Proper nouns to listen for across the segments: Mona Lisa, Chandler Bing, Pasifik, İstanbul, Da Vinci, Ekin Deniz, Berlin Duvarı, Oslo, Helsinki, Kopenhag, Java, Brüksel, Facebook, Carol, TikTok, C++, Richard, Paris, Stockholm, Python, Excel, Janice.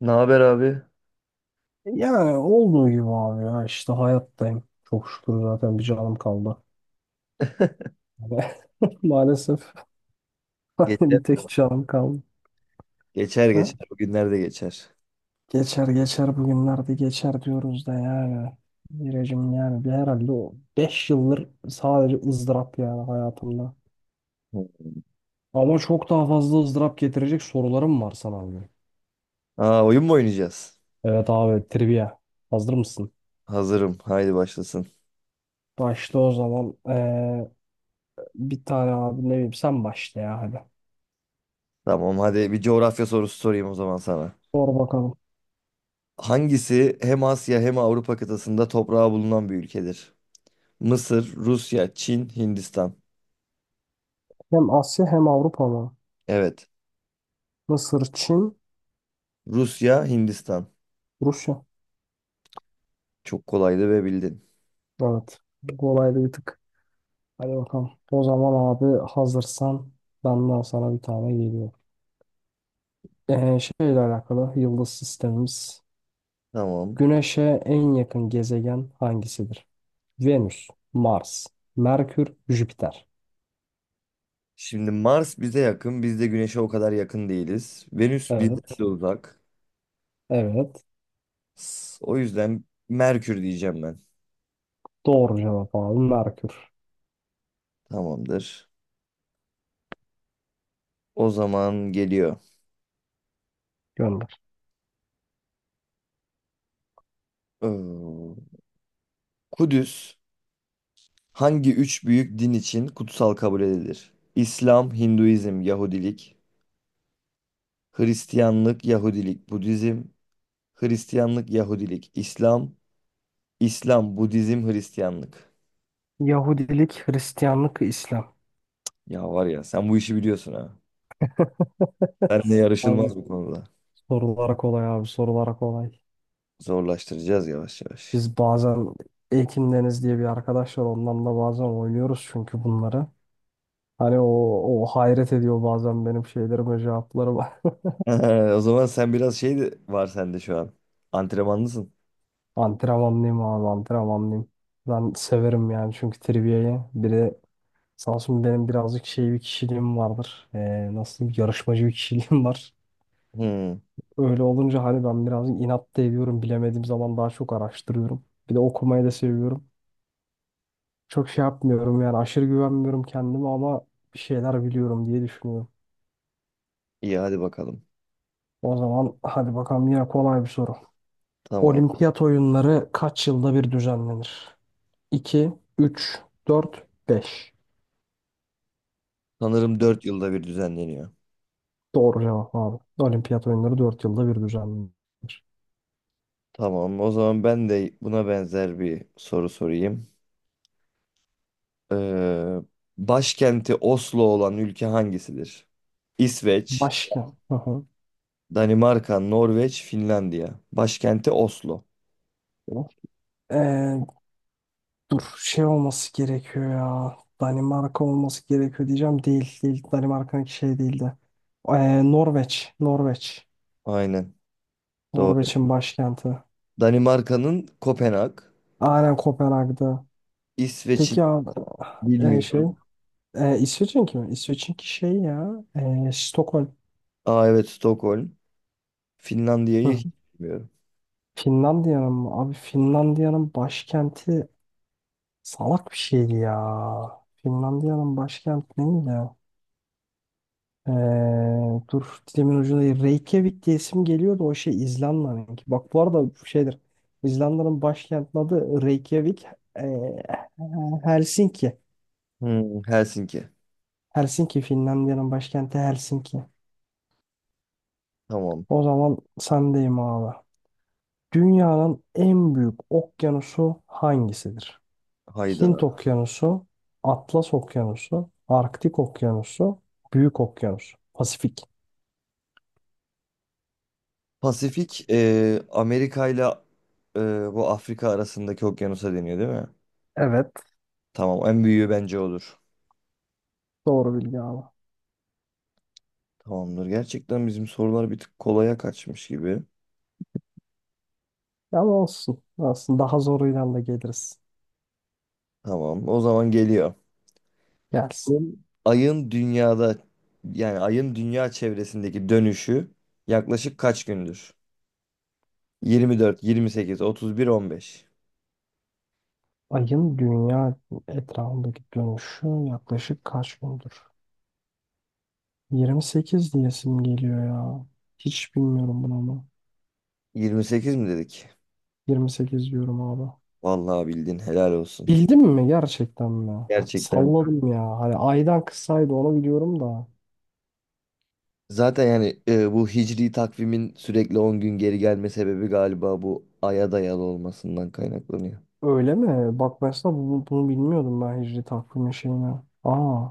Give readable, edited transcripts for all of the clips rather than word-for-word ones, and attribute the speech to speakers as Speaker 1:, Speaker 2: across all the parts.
Speaker 1: Ne haber abi?
Speaker 2: Yani olduğu gibi abi ya işte hayattayım. Çok şükür zaten bir canım kaldı. Maalesef
Speaker 1: Geçer.
Speaker 2: bir tek canım kaldı.
Speaker 1: Geçer
Speaker 2: Ha?
Speaker 1: geçer. Bu günler de geçer.
Speaker 2: Geçer geçer bugünlerde geçer diyoruz da yani. Biricim yani bir herhalde o 5 yıldır sadece ızdırap yani hayatımda. Ama çok daha fazla ızdırap getirecek sorularım var sana abi.
Speaker 1: Aa, oyun mu oynayacağız?
Speaker 2: Evet abi trivia. Hazır mısın?
Speaker 1: Hazırım. Haydi başlasın.
Speaker 2: Başla o zaman. Bir tane abi ne bileyim sen başla ya hadi.
Speaker 1: Tamam, hadi bir coğrafya sorusu sorayım o zaman sana.
Speaker 2: Sor bakalım.
Speaker 1: Hangisi hem Asya hem Avrupa kıtasında toprağı bulunan bir ülkedir? Mısır, Rusya, Çin, Hindistan.
Speaker 2: Hem Asya hem Avrupa mı?
Speaker 1: Evet.
Speaker 2: Mısır, Çin,
Speaker 1: Rusya, Hindistan.
Speaker 2: Rusya.
Speaker 1: Çok kolaydı ve bildin.
Speaker 2: Evet. Bu kolaydı bir tık. Hadi bakalım. O zaman abi hazırsan benden sana bir tane geliyor. Şeyle alakalı yıldız sistemimiz.
Speaker 1: Tamam.
Speaker 2: Güneş'e en yakın gezegen hangisidir? Venüs, Mars, Merkür, Jüpiter.
Speaker 1: Şimdi Mars bize yakın. Biz de Güneş'e o kadar yakın değiliz. Venüs bizden
Speaker 2: Evet.
Speaker 1: de uzak.
Speaker 2: Evet.
Speaker 1: O yüzden Merkür diyeceğim ben.
Speaker 2: Doğru cevap abi. Merkür.
Speaker 1: Tamamdır. O zaman geliyor.
Speaker 2: Gönder.
Speaker 1: Ee, Kudüs hangi üç büyük din için kutsal kabul edilir? İslam, Hinduizm, Yahudilik. Hristiyanlık, Yahudilik, Budizm. Hristiyanlık, Yahudilik, İslam. İslam, Budizm, Hristiyanlık.
Speaker 2: Yahudilik, Hristiyanlık, İslam.
Speaker 1: Ya var ya, sen bu işi biliyorsun ha. Seninle
Speaker 2: Abi
Speaker 1: yarışılmaz bu konuda.
Speaker 2: sorulara kolay abi sorulara kolay.
Speaker 1: Zorlaştıracağız yavaş yavaş.
Speaker 2: Biz bazen Ekin Deniz diye bir arkadaş var ondan da bazen oynuyoruz çünkü bunları. Hani o hayret ediyor bazen benim şeylerime cevaplarıma.
Speaker 1: O zaman sen biraz şey de var sende şu an. Antrenmanlısın.
Speaker 2: Antrenmanlıyım abi antrenmanlıyım. Ben severim yani çünkü trivia'yı. Bir de sağ olsun benim birazcık şey bir kişiliğim vardır. Nasıl diyeyim, yarışmacı bir kişiliğim var.
Speaker 1: Hmm,
Speaker 2: Öyle olunca hani ben birazcık inat da ediyorum. Bilemediğim zaman daha çok araştırıyorum. Bir de okumayı da seviyorum. Çok şey yapmıyorum yani aşırı güvenmiyorum kendime ama bir şeyler biliyorum diye düşünüyorum.
Speaker 1: iyi hadi bakalım.
Speaker 2: O zaman hadi bakalım yine kolay bir soru.
Speaker 1: Tamam.
Speaker 2: Olimpiyat oyunları kaç yılda bir düzenlenir? 2, üç, dört, beş.
Speaker 1: Sanırım 4 yılda bir düzenleniyor.
Speaker 2: Doğru cevap abi. Olimpiyat oyunları 4 yılda bir düzenlenir.
Speaker 1: Tamam, o zaman ben de buna benzer bir soru sorayım. Ee, başkenti Oslo olan ülke hangisidir? İsveç,
Speaker 2: Başka? Hı hı.
Speaker 1: Danimarka, Norveç, Finlandiya. Başkenti Oslo.
Speaker 2: Ee, dur şey olması gerekiyor ya. Danimarka olması gerekiyor diyeceğim. Değil değil. Danimarka'nınki şey değildi. Norveç. Norveç.
Speaker 1: Aynen, doğru.
Speaker 2: Norveç'in başkenti.
Speaker 1: Danimarka'nın Kopenhag,
Speaker 2: Aynen Kopenhag'da.
Speaker 1: İsveç'in
Speaker 2: Peki abi şey
Speaker 1: bilmiyorum.
Speaker 2: İsveç'inki mi? İsveç'inki şey ya. Stockholm.
Speaker 1: Aa, evet, Stockholm. Finlandiya'yı
Speaker 2: Hı.
Speaker 1: hiç bilmiyorum.
Speaker 2: Finlandiya'nın mı? Abi Finlandiya'nın başkenti salak bir şeydi ya. Finlandiya'nın başkenti neydi? E, dur dilimin ucunda değil. Reykjavik diye isim geliyordu o şey İzlanda'nınki. Bak bu arada şeydir. İzlanda'nın başkentinin adı Reykjavik. E, Helsinki.
Speaker 1: Helsinki.
Speaker 2: Helsinki Finlandiya'nın başkenti Helsinki.
Speaker 1: Tamam.
Speaker 2: O zaman sendeyim abi. Dünyanın en büyük okyanusu hangisidir?
Speaker 1: Hayda.
Speaker 2: Hint Okyanusu, Atlas Okyanusu, Arktik Okyanusu, Büyük Okyanus, Pasifik.
Speaker 1: Pasifik, Amerika ile e, bu Afrika arasındaki okyanusa deniyor değil mi?
Speaker 2: Evet,
Speaker 1: Tamam, en büyüğü bence odur.
Speaker 2: doğru bilgi abi.
Speaker 1: Tamamdır. Gerçekten bizim sorular bir tık kolaya kaçmış gibi.
Speaker 2: Ama olsun. Aslında daha zoruyla da geliriz.
Speaker 1: Tamam, o zaman geliyor.
Speaker 2: Gelsin.
Speaker 1: Ayın ayın dünyada ayın dünya çevresindeki dönüşü yaklaşık kaç gündür? 24, 28, 31, 15.
Speaker 2: Ayın dünya etrafındaki dönüşü yaklaşık kaç gündür? 28 diyesim geliyor ya. Hiç bilmiyorum bunu ama.
Speaker 1: 28 mi dedik?
Speaker 2: 28 diyorum abi.
Speaker 1: Vallahi bildin, helal olsun.
Speaker 2: Bildim mi gerçekten mi?
Speaker 1: Gerçekten.
Speaker 2: Salladım ya. Hani aydan kısaydı onu biliyorum da.
Speaker 1: Zaten yani, bu hicri takvimin sürekli 10 gün geri gelme sebebi galiba bu aya dayalı olmasından kaynaklanıyor.
Speaker 2: Öyle mi? Bak mesela bunu bilmiyordum ben hicri takvimi şeyini. Aa.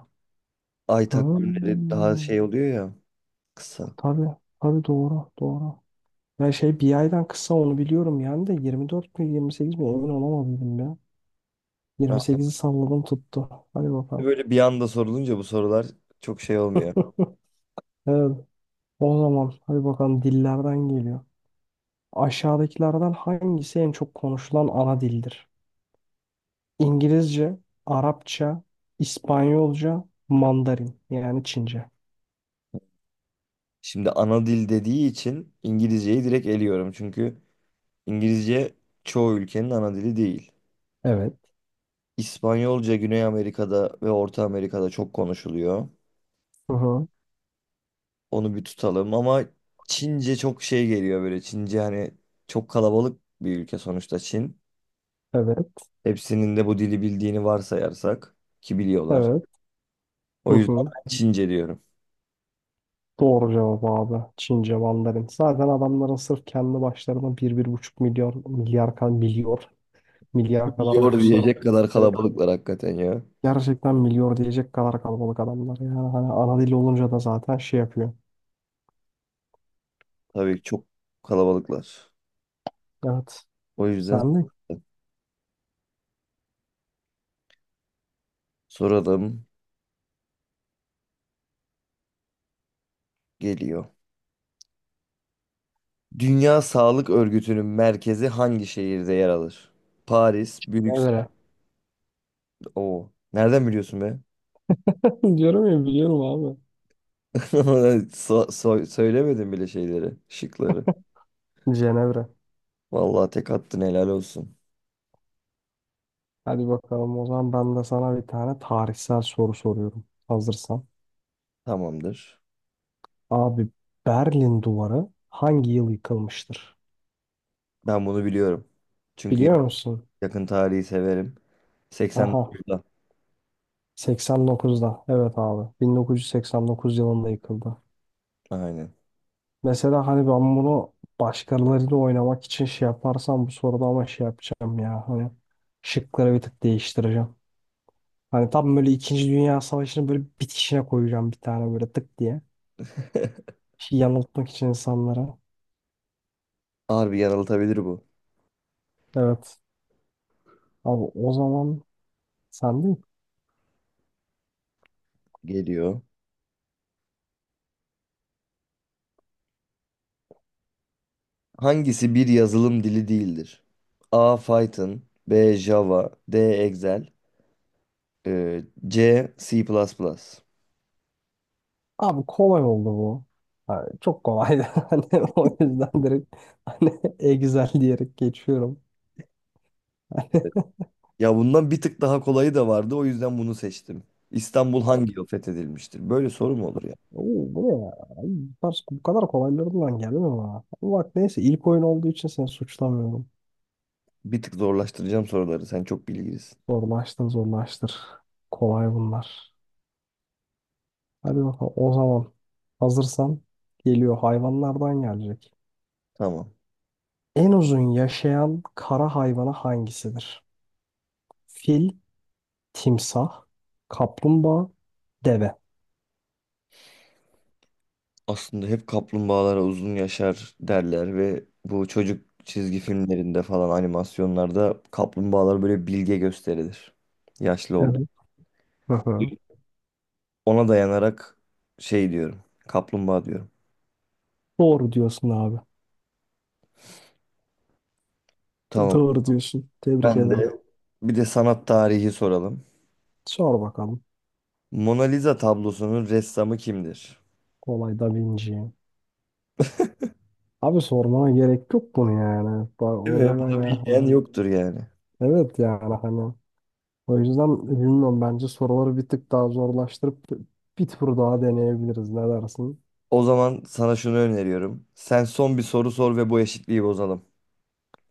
Speaker 1: Ay takvimleri
Speaker 2: Hmm.
Speaker 1: daha şey oluyor ya, kısa.
Speaker 2: Tabii. Tabii doğru. Doğru. Ya şey bir aydan kısa onu biliyorum yani de 24 mi 28 mi emin olamadım ya.
Speaker 1: Ha,
Speaker 2: 28'i salladım tuttu. Hadi
Speaker 1: işte
Speaker 2: bakalım.
Speaker 1: böyle bir anda sorulunca bu sorular çok şey olmuyor.
Speaker 2: Evet. O zaman hadi bakalım dillerden geliyor. Aşağıdakilerden hangisi en çok konuşulan ana dildir? İngilizce, Arapça, İspanyolca, Mandarin yani Çince.
Speaker 1: Şimdi ana dil dediği için İngilizceyi direkt eliyorum. Çünkü İngilizce çoğu ülkenin ana dili değil.
Speaker 2: Evet.
Speaker 1: İspanyolca Güney Amerika'da ve Orta Amerika'da çok konuşuluyor.
Speaker 2: Hı hı.
Speaker 1: Onu bir tutalım ama Çince çok şey geliyor böyle. Çince, hani çok kalabalık bir ülke sonuçta Çin.
Speaker 2: Evet.
Speaker 1: Hepsinin de bu dili bildiğini varsayarsak ki biliyorlar.
Speaker 2: Evet. Hı
Speaker 1: O yüzden
Speaker 2: hı.
Speaker 1: ben Çince diyorum.
Speaker 2: Doğru cevap abi. Çince, Mandarin. Zaten adamların sırf kendi başlarına bir buçuk milyar kadar
Speaker 1: Biliyor
Speaker 2: nüfusları var.
Speaker 1: diyecek kadar
Speaker 2: Evet.
Speaker 1: kalabalıklar hakikaten ya.
Speaker 2: Gerçekten milyar diyecek kadar kalabalık adamlar. Yani hani ana dil olunca da zaten şey yapıyor.
Speaker 1: Tabii, çok kalabalıklar.
Speaker 2: Evet.
Speaker 1: O yüzden
Speaker 2: Sen de
Speaker 1: soralım geliyor. Dünya Sağlık Örgütü'nün merkezi hangi şehirde yer alır? Paris, Brüksel.
Speaker 2: Cenevre.
Speaker 1: Oo. Nereden biliyorsun be?
Speaker 2: Diyorum ya biliyorum abi.
Speaker 1: Söylemedim bile şeyleri, şıkları.
Speaker 2: Cenevre.
Speaker 1: Vallahi tek attın, helal olsun.
Speaker 2: Hadi bakalım o zaman ben de sana bir tane tarihsel soru soruyorum. Hazırsan.
Speaker 1: Tamamdır.
Speaker 2: Abi Berlin Duvarı hangi yıl yıkılmıştır?
Speaker 1: Ben bunu biliyorum. Çünkü
Speaker 2: Biliyor musun?
Speaker 1: yakın tarihi severim.
Speaker 2: Aha
Speaker 1: 89'da.
Speaker 2: 89'da. Evet abi 1989 yılında yıkıldı.
Speaker 1: Aynen.
Speaker 2: Mesela hani ben bunu başkalarıyla oynamak için şey yaparsam bu soruda ama şey yapacağım ya. Hani şıkları bir tık değiştireceğim. Hani tam böyle İkinci Dünya Savaşı'nı böyle bitişine koyacağım bir tane böyle tık diye. Şey yanıltmak için insanlara.
Speaker 1: Harbi yanıltabilir bu.
Speaker 2: Evet. Abi o zaman sen değil.
Speaker 1: Geliyor. Hangisi bir yazılım dili değildir? A. Python, B. Java, D. Excel, e, C. C++.
Speaker 2: Abi kolay oldu bu. Ha, çok kolaydı. Hani o yüzden direkt hani e güzel diyerek geçiyorum.
Speaker 1: Ya bundan bir tık daha kolayı da vardı, o yüzden bunu seçtim. İstanbul hangi yıl fethedilmiştir? Böyle soru mu olur ya?
Speaker 2: Oo, bu ne ya? Ay, bu kadar kolaylarından geldi mi bana? Ama bak neyse ilk oyun olduğu için seni suçlamıyorum.
Speaker 1: Bir tık zorlaştıracağım soruları. Sen çok bilgilisin.
Speaker 2: Zorlaştır zorlaştır. Kolay bunlar. Hadi bakalım o zaman hazırsan geliyor hayvanlardan gelecek.
Speaker 1: Tamam.
Speaker 2: En uzun yaşayan kara hayvanı hangisidir? Fil, timsah, kaplumbağa, deve.
Speaker 1: Aslında hep kaplumbağalara uzun yaşar derler ve bu çocuk çizgi filmlerinde falan, animasyonlarda kaplumbağalar böyle bilge gösterilir. Yaşlı oldu.
Speaker 2: Evet. Hı hı.
Speaker 1: Ona dayanarak şey diyorum. Kaplumbağa diyorum.
Speaker 2: Doğru diyorsun abi.
Speaker 1: Tamam.
Speaker 2: Doğru diyorsun. Tebrik
Speaker 1: Ben
Speaker 2: ederim.
Speaker 1: de bir de sanat tarihi soralım.
Speaker 2: Sor bakalım.
Speaker 1: Mona Lisa tablosunun ressamı kimdir?
Speaker 2: Kolay Da Vinci. Abi sormana gerek yok bunu yani.
Speaker 1: Değil
Speaker 2: O
Speaker 1: mi?
Speaker 2: zaman
Speaker 1: Bunu
Speaker 2: ya
Speaker 1: bilmeyen
Speaker 2: hani.
Speaker 1: yoktur yani.
Speaker 2: Evet yani hani. O yüzden bilmiyorum bence soruları bir tık daha zorlaştırıp bir tur daha deneyebiliriz. Ne dersin?
Speaker 1: O zaman sana şunu öneriyorum. Sen son bir soru sor ve bu eşitliği bozalım.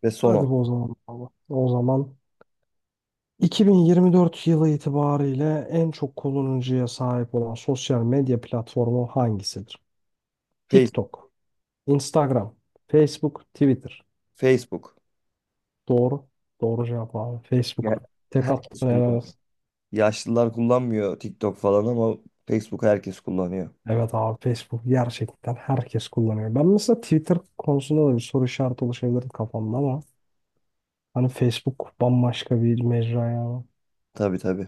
Speaker 1: Ve son
Speaker 2: Hadi
Speaker 1: ol.
Speaker 2: bu o zaman abi. O zaman 2024 yılı itibariyle en çok kullanıcıya sahip olan sosyal medya platformu hangisidir?
Speaker 1: Face,
Speaker 2: TikTok, Instagram, Facebook, Twitter.
Speaker 1: Facebook.
Speaker 2: Doğru. Doğru cevap abi.
Speaker 1: Ya-
Speaker 2: Facebook. Tek
Speaker 1: Herkes
Speaker 2: attın helal
Speaker 1: kullanıyor.
Speaker 2: olsun.
Speaker 1: Yaşlılar kullanmıyor TikTok falan ama Facebook herkes kullanıyor.
Speaker 2: Evet abi Facebook gerçekten herkes kullanıyor. Ben mesela Twitter konusunda da bir soru işareti oluşabilirdi kafamda ama hani Facebook bambaşka bir mecra ya.
Speaker 1: Tabii tabii.